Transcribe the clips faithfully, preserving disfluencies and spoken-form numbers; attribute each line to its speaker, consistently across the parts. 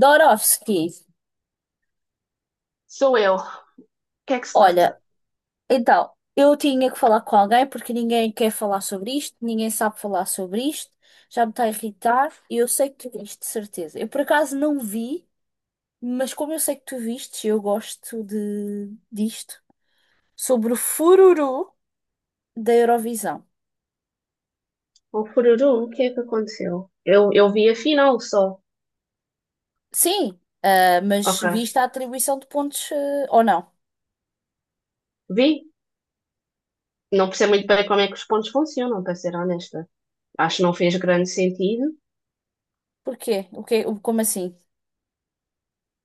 Speaker 1: Dorofsky,
Speaker 2: Sou eu. O que é que se
Speaker 1: olha,
Speaker 2: passa?
Speaker 1: então, eu tinha que falar com alguém porque ninguém quer falar sobre isto, ninguém sabe falar sobre isto, já me está a irritar e eu sei que tu viste, de certeza. Eu por acaso não vi, mas como eu sei que tu viste, eu gosto de disto, sobre o fururu da Eurovisão.
Speaker 2: O Fururu, o que é que aconteceu? Eu, eu vi a final só.
Speaker 1: Sim, ah, mas
Speaker 2: Ok.
Speaker 1: viste a atribuição de pontos, eh, ou não?
Speaker 2: Vi. Não percebo muito bem como é que os pontos funcionam, para ser honesta. Acho que não fez grande sentido.
Speaker 1: Porquê? O que, o- como assim?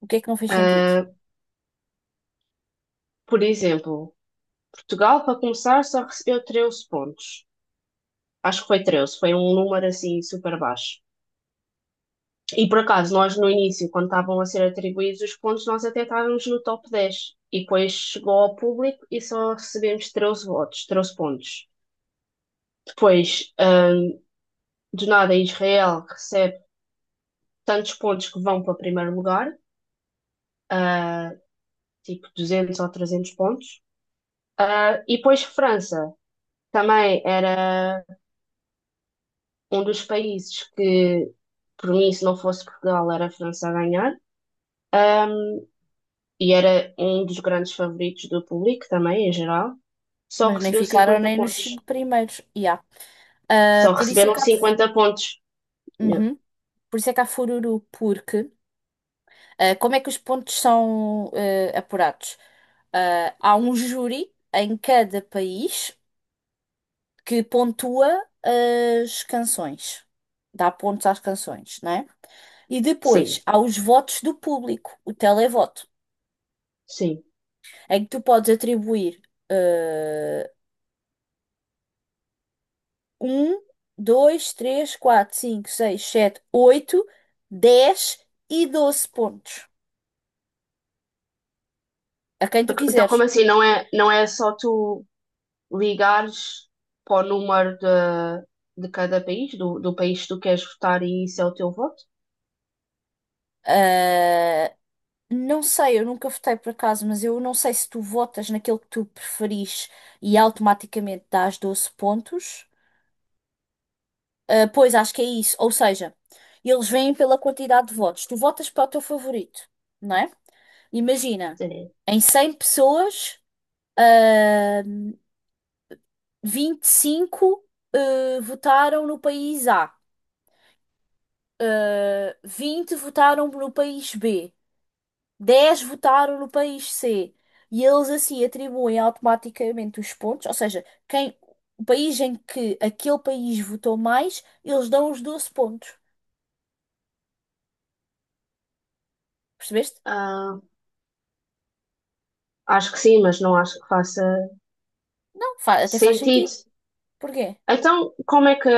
Speaker 1: O que é que não fez sentido?
Speaker 2: Ah, Por exemplo, Portugal, para começar, só recebeu treze pontos. Acho que foi treze, foi um número assim super baixo. E por acaso, nós no início, quando estavam a ser atribuídos os pontos, nós até estávamos no top dez. E depois chegou ao público e só recebemos treze votos, treze pontos. Depois, do nada, Israel recebe tantos pontos que vão para o primeiro lugar, tipo duzentos ou trezentos pontos. Ah, e depois França também era um dos países que, por mim, se não fosse Portugal, era a França a ganhar. Ahm, e era um dos grandes favoritos do público também, em geral. Só
Speaker 1: Mas nem
Speaker 2: recebeu
Speaker 1: ficaram
Speaker 2: cinquenta
Speaker 1: nem nos
Speaker 2: pontos.
Speaker 1: cinco primeiros. Yeah. Ah,
Speaker 2: Só
Speaker 1: por isso é
Speaker 2: receberam
Speaker 1: que há.
Speaker 2: cinquenta pontos. Yeah.
Speaker 1: Uhum. Por isso é que há fururu, porque ah, como é que os pontos são ah, apurados? Ah, há um júri em cada país que pontua as canções, dá pontos às canções, não é? E depois
Speaker 2: Sim,
Speaker 1: há os votos do público, o televoto,
Speaker 2: sim.
Speaker 1: em que tu podes atribuir eh, um, dois, três, quatro, cinco, seis, sete, oito, dez e doze pontos a quem tu
Speaker 2: Então,
Speaker 1: quiseres.
Speaker 2: como assim? Não é, não é só tu ligares para o número de, de cada país, do, do país que tu queres votar, e isso é o teu voto?
Speaker 1: Eh, Não sei, eu nunca votei por acaso, mas eu não sei se tu votas naquele que tu preferis e automaticamente dás doze pontos. Ah, pois, acho que é isso. Ou seja, eles vêm pela quantidade de votos. Tu votas para o teu favorito, não é? Imagina,
Speaker 2: Sim.
Speaker 1: em cem pessoas, ah, vinte e cinco, ah, votaram no país A, ah, vinte votaram no país B, dez votaram no país C, e eles assim atribuem automaticamente os pontos, ou seja, quem, o país em que aquele país votou mais, eles dão os doze pontos. Percebeste?
Speaker 2: Ah, Acho que sim, mas não acho que faça
Speaker 1: Não, fa- Até faz sentido.
Speaker 2: sentido.
Speaker 1: Porquê?
Speaker 2: Então, como é que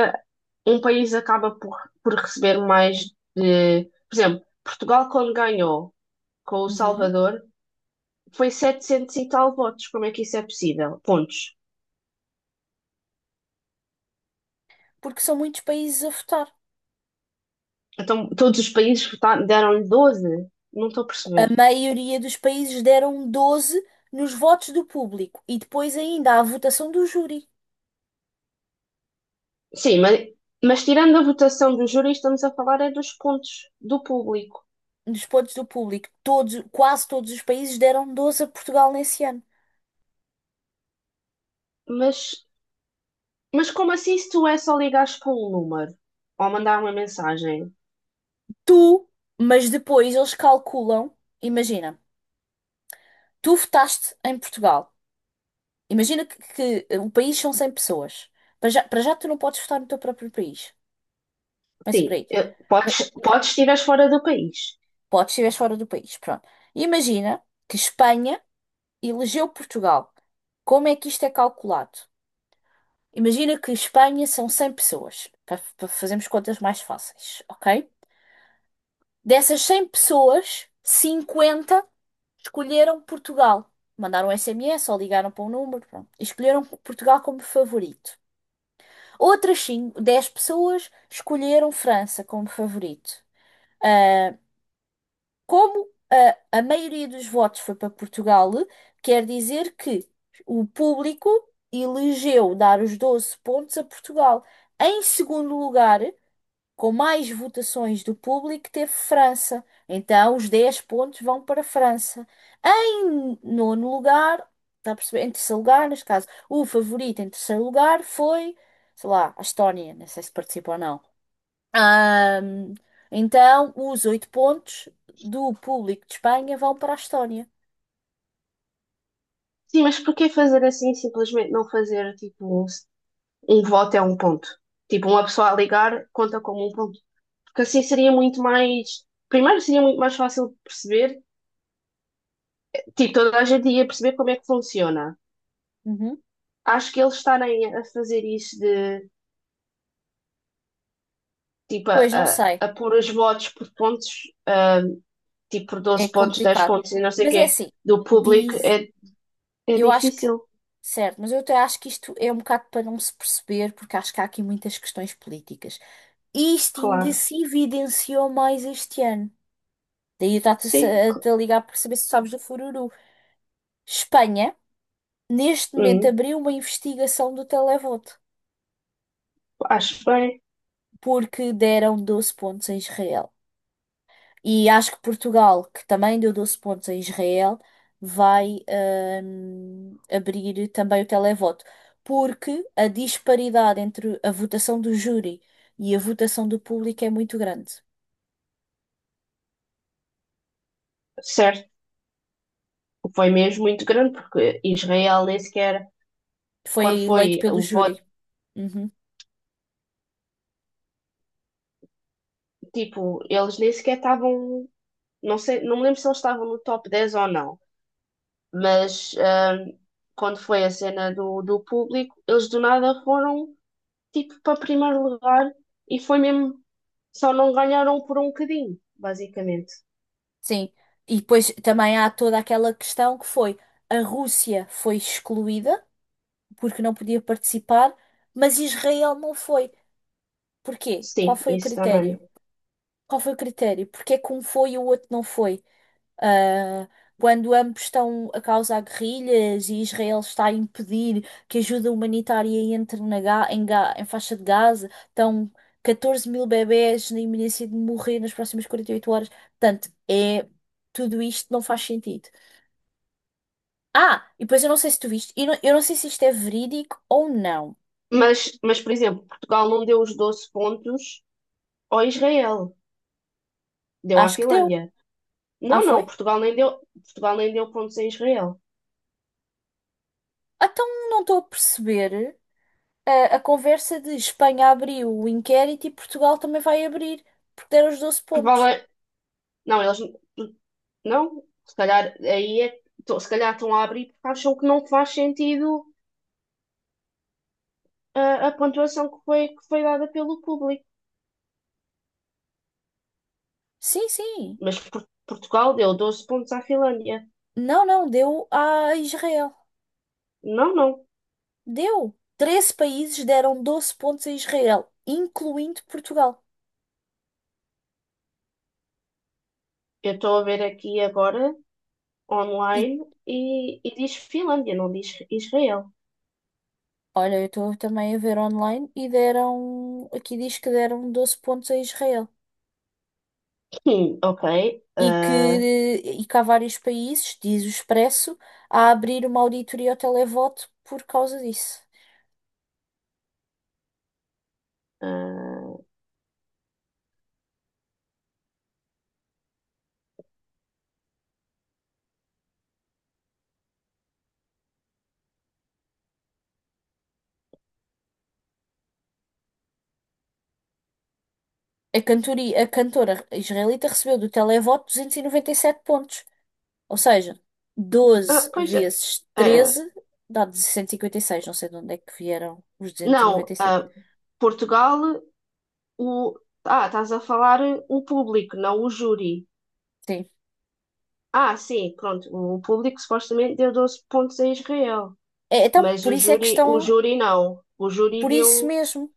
Speaker 2: um país acaba por, por receber mais de. Por exemplo, Portugal, quando ganhou com o
Speaker 1: Uhum.
Speaker 2: Salvador. Foi setecentos e tal votos. Como é que isso é possível? Pontos.
Speaker 1: Porque são muitos países a votar.
Speaker 2: Então, todos os países vota- deram-lhe doze? Não estou a
Speaker 1: A
Speaker 2: perceber.
Speaker 1: maioria dos países deram doze nos votos do público e depois ainda há a votação do júri.
Speaker 2: Sim, mas, mas tirando a votação do júri, estamos a falar é dos pontos do público.
Speaker 1: Nos pontos do público, todos, quase todos os países deram doze a Portugal nesse ano.
Speaker 2: Mas, mas como assim se tu é só ligares para um número ou mandar uma mensagem?
Speaker 1: Tu, mas depois eles calculam, imagina, tu votaste em Portugal. Imagina que, que eh, o país são cem pessoas. Para já, para já tu não podes votar no teu próprio país. Pensa
Speaker 2: Sim,
Speaker 1: por aí.
Speaker 2: eh,
Speaker 1: Mas
Speaker 2: podes, podes tirar fora do país.
Speaker 1: podes se estiveres fora do país, pronto. Imagina que Espanha elegeu Portugal. Como é que isto é calculado? Imagina que Espanha são cem pessoas, para, para fazermos contas mais fáceis, ok? Dessas cem pessoas, cinquenta. Escolheram Portugal. Mandaram S M S ou ligaram para um número, pronto. E escolheram Portugal como favorito. Outras cinco dez pessoas escolheram França como favorito. Ah, como ah, a, maioria dos votos foi para Portugal, quer dizer que o público elegeu dar os doze pontos a Portugal. Em segundo lugar, com mais votações do público teve França. Então, os dez pontos vão para a França. Em nono lugar, está a perceber? Em terceiro lugar, neste caso, o favorito em terceiro lugar foi, sei lá, a Estónia. Não sei se participou ou não. Ahm, então, os oito pontos do público de Espanha vão para a Estónia.
Speaker 2: Sim, mas porquê fazer assim simplesmente não fazer tipo um, um voto é um ponto? Tipo, uma pessoa a ligar conta como um ponto. Porque assim seria muito mais. Primeiro, seria muito mais fácil de perceber, tipo, toda a gente ia perceber como é que funciona.
Speaker 1: Uhum.
Speaker 2: Acho que eles estarem a fazer isso de, tipo, a,
Speaker 1: Pois não
Speaker 2: a,
Speaker 1: sei,
Speaker 2: a pôr os votos por pontos, ah, tipo, por
Speaker 1: é
Speaker 2: doze pontos, dez
Speaker 1: complicado.
Speaker 2: pontos e não sei o
Speaker 1: Mas é
Speaker 2: quê,
Speaker 1: assim,
Speaker 2: do público,
Speaker 1: diz,
Speaker 2: é, é
Speaker 1: eu acho que...
Speaker 2: difícil,
Speaker 1: Certo, mas eu até acho que isto é um bocado para não se perceber, porque acho que há aqui muitas questões políticas. E isto ainda
Speaker 2: claro.
Speaker 1: se evidenciou mais este ano. Daí eu estava-te a sa-
Speaker 2: Sim,
Speaker 1: a
Speaker 2: cl-
Speaker 1: te ligar para saber se sabes do fururu. Espanha, neste momento,
Speaker 2: hum,
Speaker 1: abriu uma investigação do televoto,
Speaker 2: acho bem.
Speaker 1: porque deram doze pontos a Israel. E acho que Portugal, que também deu doze pontos a Israel, vai hum, abrir também o televoto. Porque a disparidade entre a votação do júri e a votação do público é muito grande.
Speaker 2: Certo. Foi mesmo muito grande, porque Israel nem sequer,
Speaker 1: Foi
Speaker 2: quando
Speaker 1: eleito
Speaker 2: foi
Speaker 1: pelo
Speaker 2: o voto,
Speaker 1: júri. Uhum.
Speaker 2: tipo, eles nem sequer estavam, não sei, não me lembro se eles estavam no top dez ou não. Mas ahm, quando foi a cena do, do público, eles do nada foram tipo para primeiro lugar e foi mesmo, só não ganharam por um bocadinho, basicamente.
Speaker 1: Sim. E depois também há toda aquela questão que foi a Rússia foi excluída porque não podia participar, mas Israel não foi. Porquê? Qual
Speaker 2: Sim,
Speaker 1: foi o
Speaker 2: isso também.
Speaker 1: critério? Qual foi o critério? Porque é que um foi e o outro não foi? Ah, quando ambos estão a causar guerrilhas e Israel está a impedir que ajuda humanitária entre na Ga- em, Ga- em faixa de Gaza, estão catorze mil bebés na iminência de morrer nas próximas quarenta e oito horas. Portanto, é, tudo isto não faz sentido. Ah, e depois eu não sei se tu viste, eu não, eu não sei se isto é verídico ou não.
Speaker 2: Mas, mas, por exemplo, Portugal não deu os doze pontos ao Israel, deu à
Speaker 1: Acho que deu.
Speaker 2: Finlândia.
Speaker 1: Ah,
Speaker 2: Não, não,
Speaker 1: foi?
Speaker 2: Portugal nem deu, Portugal nem deu pontos a Israel.
Speaker 1: Ah, então não estou a perceber. a, a conversa de Espanha abriu o inquérito e Portugal também vai abrir, porque deram os doze pontos.
Speaker 2: Provavelmente, não, eles não, se calhar aí é, tô- se calhar estão a abrir porque acham que não faz sentido a, a pontuação que foi, que foi dada pelo público.
Speaker 1: Sim, sim.
Speaker 2: Mas Por- Portugal deu doze pontos à Finlândia.
Speaker 1: Não, não, deu a Israel.
Speaker 2: Não, não.
Speaker 1: Deu. Treze países deram doze pontos a Israel, incluindo Portugal.
Speaker 2: Eu estou a ver aqui agora,
Speaker 1: E
Speaker 2: online, e, e diz Finlândia, não diz Israel.
Speaker 1: olha, eu estou também a ver online e deram. Aqui diz que deram doze pontos a Israel.
Speaker 2: Hum, ok.
Speaker 1: E que,
Speaker 2: ah,
Speaker 1: e que há vários países, diz o Expresso, a abrir uma auditoria ao televoto por causa disso.
Speaker 2: ah,
Speaker 1: A cantoria, a cantora israelita recebeu do televoto duzentos e e noventa e sete pontos. Ou seja,
Speaker 2: ah,
Speaker 1: doze
Speaker 2: Pois é.
Speaker 1: vezes
Speaker 2: Ah,
Speaker 1: treze dá duzentos e cinquenta e seis. Não sei de onde é que vieram os duzentos e e noventa
Speaker 2: não,
Speaker 1: e sete.
Speaker 2: ah, Portugal, o. Ah, estás a falar o público, não o júri.
Speaker 1: Sim.
Speaker 2: Ah, sim, pronto. O público supostamente deu doze pontos a Israel,
Speaker 1: É, então,
Speaker 2: mas
Speaker 1: por
Speaker 2: o
Speaker 1: isso é que
Speaker 2: júri, o
Speaker 1: estão.
Speaker 2: júri não. O júri
Speaker 1: Por isso
Speaker 2: deu.
Speaker 1: mesmo.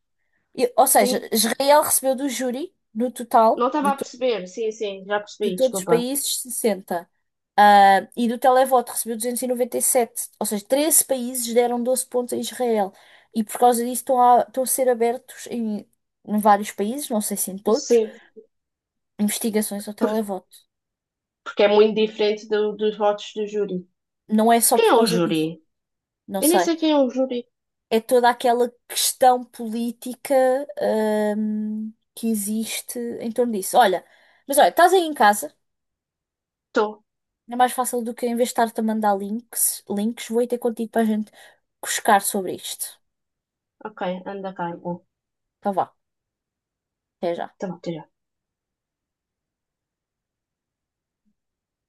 Speaker 1: E- ou seja,
Speaker 2: Sim,
Speaker 1: Israel recebeu do júri, no
Speaker 2: não
Speaker 1: total,
Speaker 2: estava
Speaker 1: de
Speaker 2: a perceber. Sim, sim, já
Speaker 1: de
Speaker 2: percebi,
Speaker 1: todos os
Speaker 2: desculpa.
Speaker 1: países, sessenta. Ah, e do televoto recebeu duzentos e e noventa e sete. Ou seja, treze países deram doze pontos a Israel. E por causa disso estão a, estão a ser abertos em, em vários países, não sei se em todos,
Speaker 2: Sim,
Speaker 1: investigações ao
Speaker 2: por-
Speaker 1: televoto.
Speaker 2: porque é muito diferente do- dos votos do júri.
Speaker 1: Não é só
Speaker 2: Quem
Speaker 1: por
Speaker 2: é o
Speaker 1: causa disso,
Speaker 2: júri?
Speaker 1: não
Speaker 2: Eu nem
Speaker 1: sei.
Speaker 2: sei quem é o júri.
Speaker 1: É toda aquela questão política, ahm, que existe em torno disso. Olha, mas olha, estás aí em casa.
Speaker 2: Estou.
Speaker 1: É mais fácil do que eu investar-te a mandar links. Links, vou ir ter contigo para a gente cuscar sobre isto.
Speaker 2: Ok, anda cá. Então,
Speaker 1: Então vá, até já.
Speaker 2: Tá